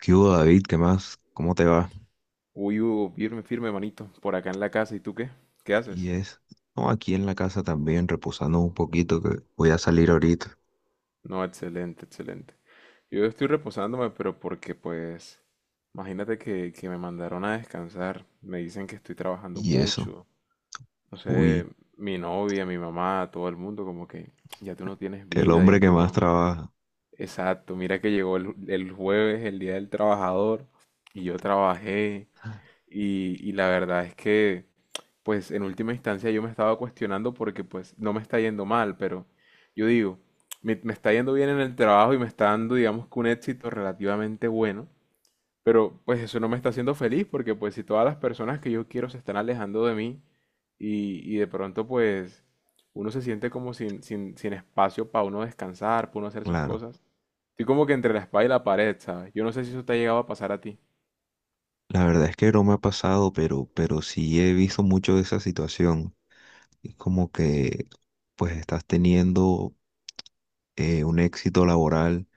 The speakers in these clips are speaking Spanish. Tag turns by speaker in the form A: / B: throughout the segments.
A: ¿Qué hubo, David? ¿Qué más? ¿Cómo te va?
B: Uy, Hugo, firme, firme, manito, por acá en la casa. ¿Y tú qué? ¿Qué
A: Y
B: haces?
A: es, no, aquí en la casa también, reposando un poquito, que voy a salir ahorita.
B: No, excelente, excelente. Yo estoy reposándome, pero porque pues, imagínate que me mandaron a descansar. Me dicen que estoy trabajando
A: Y eso,
B: mucho. No sé,
A: uy,
B: mi novia, mi mamá, todo el mundo, como que ya tú no tienes
A: el
B: vida, ya
A: hombre que
B: tú
A: más
B: no.
A: trabaja.
B: Exacto, mira que llegó el jueves, el día del trabajador, y yo trabajé, y la verdad es que pues en última instancia yo me estaba cuestionando porque pues no me está yendo mal, pero yo digo, me está yendo bien en el trabajo y me está dando, digamos, que un éxito relativamente bueno, pero pues eso no me está haciendo feliz porque pues si todas las personas que yo quiero se están alejando de mí y de pronto pues uno se siente como sin espacio para uno descansar, para uno hacer sus
A: Claro,
B: cosas. Estoy como que entre la espada y la pared, ¿sabes? Yo no sé si eso te ha llegado a pasar a ti.
A: la verdad es que no me ha pasado, pero sí he visto mucho de esa situación. Es como que, pues, estás teniendo un éxito laboral,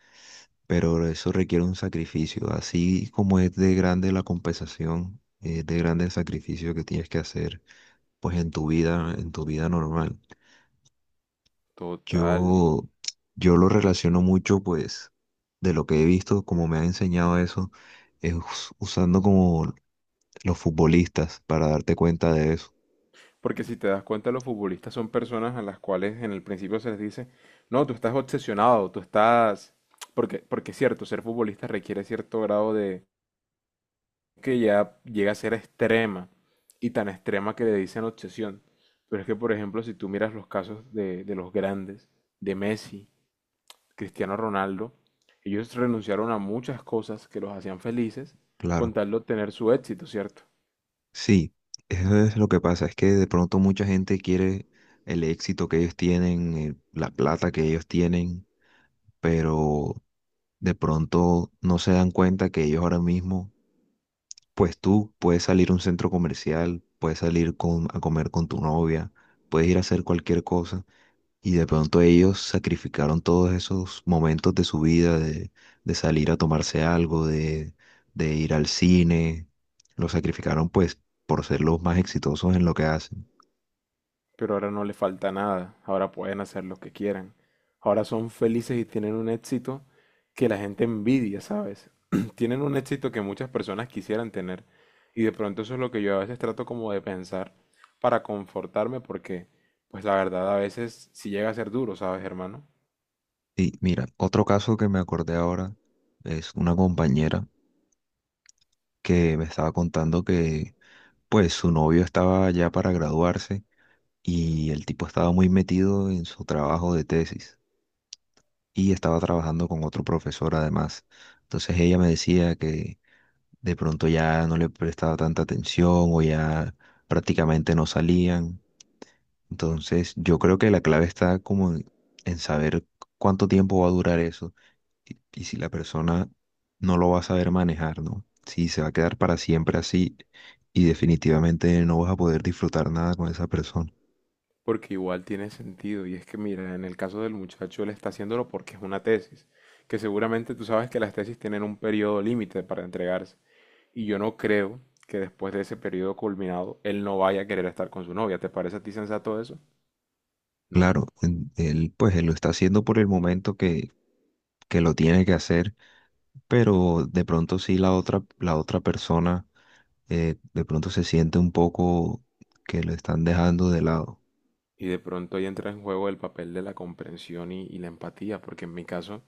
A: pero eso requiere un sacrificio. Así como es de grande la compensación, es de grande el sacrificio que tienes que hacer, pues, en tu vida normal.
B: Total.
A: Yo, yo lo relaciono mucho, pues, de lo que he visto, como me ha enseñado eso, es usando como los futbolistas para darte cuenta de eso.
B: Porque si te das cuenta, los futbolistas son personas a las cuales en el principio se les dice, no, tú estás obsesionado, tú estás... Porque, porque es cierto, ser futbolista requiere cierto grado de... que ya llega a ser extrema, y tan extrema que le dicen obsesión. Pero es que, por ejemplo, si tú miras los casos de los grandes, de Messi, Cristiano Ronaldo, ellos renunciaron a muchas cosas que los hacían felices con
A: Claro.
B: tal de obtener su éxito, ¿cierto?
A: Sí, eso es lo que pasa, es que de pronto mucha gente quiere el éxito que ellos tienen, la plata que ellos tienen, pero de pronto no se dan cuenta que ellos ahora mismo, pues tú puedes salir a un centro comercial, puedes salir a comer con tu novia, puedes ir a hacer cualquier cosa. Y de pronto ellos sacrificaron todos esos momentos de su vida, de salir a tomarse algo, de ir al cine. Lo sacrificaron pues por ser los más exitosos en lo que hacen.
B: Pero ahora no le falta nada, ahora pueden hacer lo que quieran. Ahora son felices y tienen un éxito que la gente envidia, ¿sabes? Tienen un éxito que muchas personas quisieran tener. Y de pronto eso es lo que yo a veces trato como de pensar para confortarme porque, pues la verdad a veces sí llega a ser duro, ¿sabes, hermano?
A: Y mira, otro caso que me acordé ahora es una compañera que me estaba contando que pues su novio estaba ya para graduarse y el tipo estaba muy metido en su trabajo de tesis y estaba trabajando con otro profesor además. Entonces ella me decía que de pronto ya no le prestaba tanta atención o ya prácticamente no salían. Entonces, yo creo que la clave está como en saber cuánto tiempo va a durar eso y si la persona no lo va a saber manejar, ¿no? Si se va a quedar para siempre así y definitivamente no vas a poder disfrutar nada con esa persona.
B: Porque igual tiene sentido. Y es que, mira, en el caso del muchacho él está haciéndolo porque es una tesis, que seguramente tú sabes que las tesis tienen un periodo límite para entregarse. Y yo no creo que después de ese periodo culminado él no vaya a querer estar con su novia. ¿Te parece a ti sensato eso? No.
A: Claro, él pues él lo está haciendo por el momento que lo tiene que hacer, pero de pronto sí la otra persona de pronto se siente un poco que lo están dejando de lado.
B: Y de pronto ahí entra en juego el papel de la comprensión y la empatía, porque en mi caso,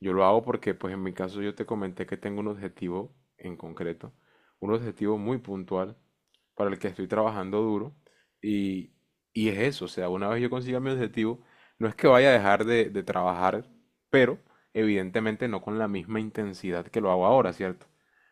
B: yo lo hago porque, pues en mi caso yo te comenté que tengo un objetivo en concreto, un objetivo muy puntual para el que estoy trabajando duro y, y es eso, o sea, una vez yo consiga mi objetivo, no es que vaya a dejar de trabajar, pero evidentemente no con la misma intensidad que lo hago ahora, ¿cierto?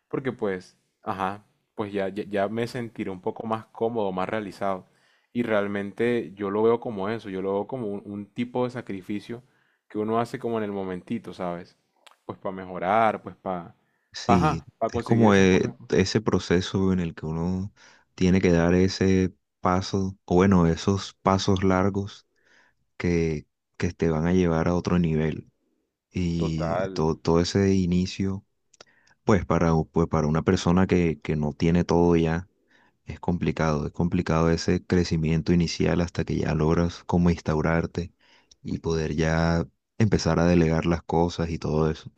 B: Porque pues, ajá, pues ya me sentiré un poco más cómodo, más realizado. Y realmente yo lo veo como eso, yo lo veo como un tipo de sacrificio que uno hace como en el momentito, ¿sabes? Pues para mejorar, pues
A: Sí,
B: para,
A: es
B: conseguir
A: como
B: esas cosas.
A: ese proceso en el que uno tiene que dar ese paso, o bueno, esos pasos largos que, que te van a llevar a otro nivel. Y
B: Total.
A: todo, todo ese inicio, pues para, pues para una persona que no tiene todo ya, es complicado, es complicado ese crecimiento inicial hasta que ya logras como instaurarte y poder ya empezar a delegar las cosas y todo eso.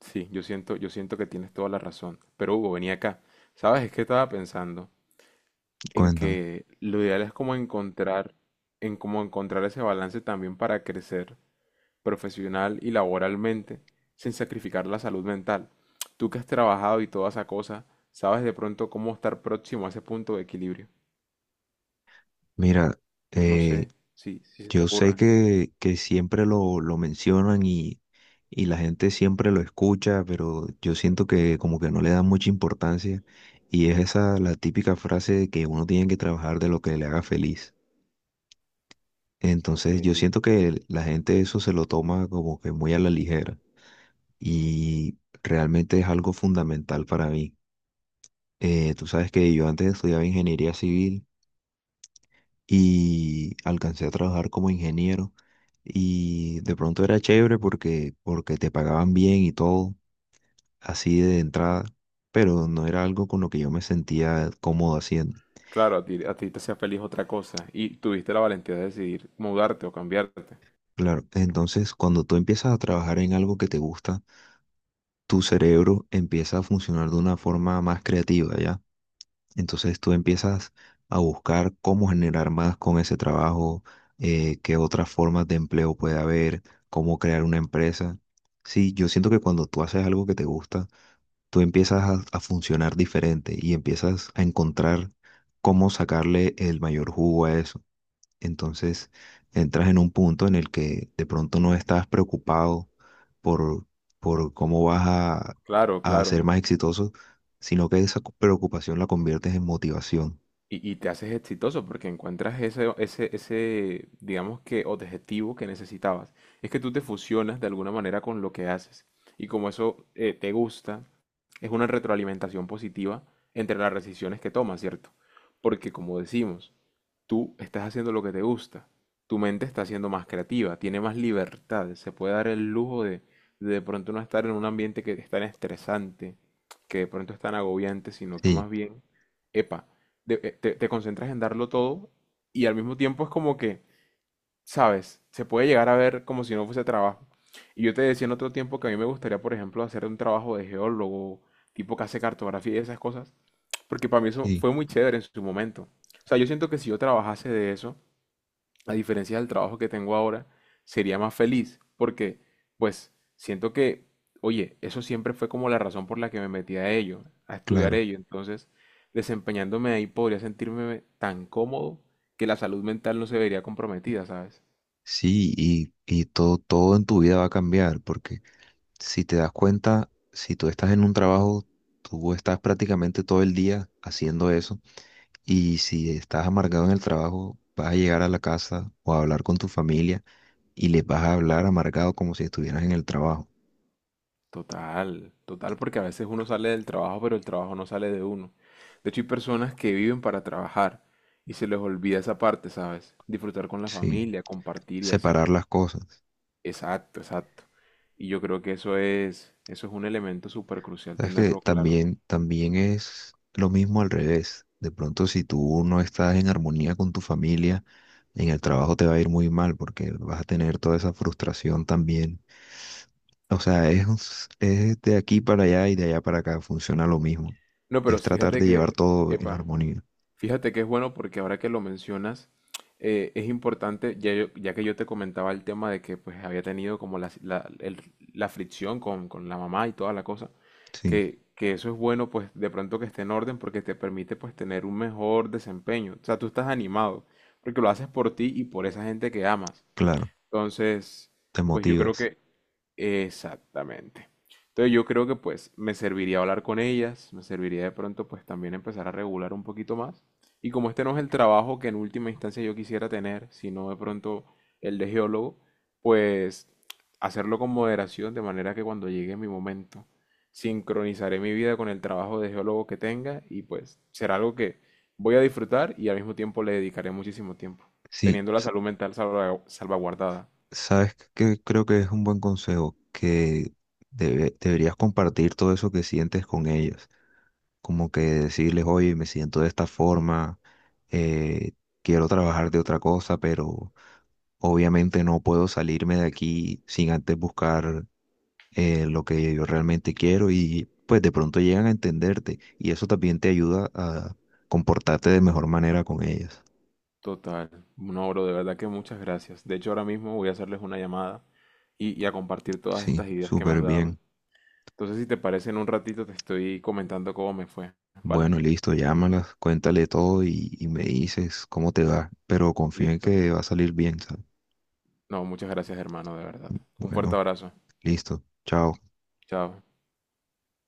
B: Sí, yo siento que tienes toda la razón. Pero Hugo, venía acá. ¿Sabes? Es que estaba pensando en
A: Cuéntame.
B: que lo ideal es como encontrar, en cómo encontrar ese balance también para crecer profesional y laboralmente, sin sacrificar la salud mental. Tú que has trabajado y toda esa cosa, sabes de pronto cómo estar próximo a ese punto de equilibrio.
A: Mira,
B: No
A: eh,
B: sé si, si se te
A: yo sé
B: ocurra.
A: que siempre lo mencionan y la gente siempre lo escucha, pero yo siento que como que no le dan mucha importancia y es esa la típica frase de que uno tiene que trabajar de lo que le haga feliz.
B: Ok.
A: Entonces yo siento que la gente eso se lo toma como que muy a la ligera. Y realmente es algo fundamental para mí. Tú sabes que yo antes estudiaba ingeniería civil y alcancé a trabajar como ingeniero y de pronto era chévere porque te pagaban bien y todo, así de entrada, pero no era algo con lo que yo me sentía cómodo haciendo.
B: Claro, a ti te hacía feliz otra cosa y tuviste la valentía de decidir mudarte o cambiarte.
A: Claro, entonces cuando tú empiezas a trabajar en algo que te gusta, tu cerebro empieza a funcionar de una forma más creativa, ¿ya? Entonces tú empiezas a buscar cómo generar más con ese trabajo, qué otras formas de empleo puede haber, cómo crear una empresa. Sí, yo siento que cuando tú haces algo que te gusta, tú empiezas a funcionar diferente y empiezas a encontrar cómo sacarle el mayor jugo a eso. Entonces entras en un punto en el que de pronto no estás preocupado por, por cómo vas
B: Claro,
A: a ser
B: claro.
A: más exitoso, sino que esa preocupación la conviertes en motivación.
B: Y te haces exitoso porque encuentras ese digamos que, objetivo que necesitabas. Es que tú te fusionas de alguna manera con lo que haces. Y como eso te gusta, es una retroalimentación positiva entre las decisiones que tomas, ¿cierto? Porque como decimos, tú estás haciendo lo que te gusta, tu mente está siendo más creativa, tiene más libertad, se puede dar el lujo de pronto no estar en un ambiente que es tan estresante, que de pronto es tan agobiante, sino que
A: Sí,
B: más bien, epa, de- te, te concentras en darlo todo y al mismo tiempo es como que sabes, se puede llegar a ver como si no fuese trabajo. Y yo te decía en otro tiempo que a mí me gustaría, por ejemplo, hacer un trabajo de geólogo, tipo que hace cartografía y esas cosas, porque para mí eso
A: sí,
B: fue muy chévere en su momento. O sea, yo siento que si yo trabajase de eso, a diferencia del trabajo que tengo ahora, sería más feliz, porque pues siento que, oye, eso siempre fue como la razón por la que me metí a ello, a estudiar
A: claro.
B: ello. Entonces, desempeñándome ahí podría sentirme tan cómodo que la salud mental no se vería comprometida, ¿sabes?
A: Sí, y todo, todo en tu vida va a cambiar, porque si te das cuenta, si tú estás en un trabajo, tú estás prácticamente todo el día haciendo eso, y si estás amargado en el trabajo, vas a llegar a la casa o a hablar con tu familia y les vas a hablar amargado como si estuvieras en el trabajo.
B: Total, total, porque a veces uno sale del trabajo, pero el trabajo no sale de uno. De hecho, hay personas que viven para trabajar y se les olvida esa parte, ¿sabes? Disfrutar con la
A: Sí,
B: familia, compartir y así.
A: separar las cosas.
B: Exacto, exacto. Y yo creo que eso es un elemento súper crucial
A: Sabes que
B: tenerlo claro.
A: también, también es lo mismo al revés. De pronto, si tú no estás en armonía con tu familia, en el trabajo te va a ir muy mal porque vas a tener toda esa frustración también. O sea, es, es de aquí para allá y de allá para acá, funciona lo mismo.
B: No, pero
A: Es
B: sí,
A: tratar
B: fíjate
A: de
B: que,
A: llevar todo en
B: epa,
A: armonía.
B: fíjate que es bueno porque ahora que lo mencionas, es importante, ya, yo- ya que yo te comentaba el tema de que pues había tenido como la- el- la fricción con la mamá y toda la cosa,
A: Sí,
B: que eso es bueno pues de pronto que esté en orden porque te permite pues tener un mejor desempeño. O sea, tú estás animado porque lo haces por ti y por esa gente que amas.
A: claro,
B: Entonces,
A: te
B: pues yo creo
A: motivas.
B: que exactamente. Entonces yo creo que pues me serviría hablar con ellas, me serviría de pronto pues también empezar a regular un poquito más. Y como este no es el trabajo que en última instancia yo quisiera tener, sino de pronto el de geólogo, pues hacerlo con moderación de manera que cuando llegue mi momento sincronizaré mi vida con el trabajo de geólogo que tenga y pues será algo que voy a disfrutar y al mismo tiempo le dedicaré muchísimo tiempo,
A: Sí,
B: teniendo la salud mental salvagu- salvaguardada.
A: sabes que creo que es un buen consejo que deberías compartir todo eso que sientes con ellas. Como que decirles, oye, me siento de esta forma, eh, quiero trabajar de otra cosa, pero obviamente no puedo salirme de aquí sin antes buscar lo que yo realmente quiero y pues de pronto llegan a entenderte y eso también te ayuda a comportarte de mejor manera con ellas.
B: Total. No, bro, de verdad que muchas gracias. De hecho, ahora mismo voy a hacerles una llamada y a compartir todas
A: Sí,
B: estas ideas que me has
A: súper
B: dado.
A: bien.
B: Entonces, si te parece, en un ratito te estoy comentando cómo me fue, ¿vale?
A: Bueno, listo, llámalas, cuéntale todo y me dices cómo te va, pero confío en
B: Listo.
A: que va a salir bien, ¿sabes?
B: No, muchas gracias, hermano, de verdad. Un fuerte
A: Bueno,
B: abrazo.
A: listo, chao.
B: Chao.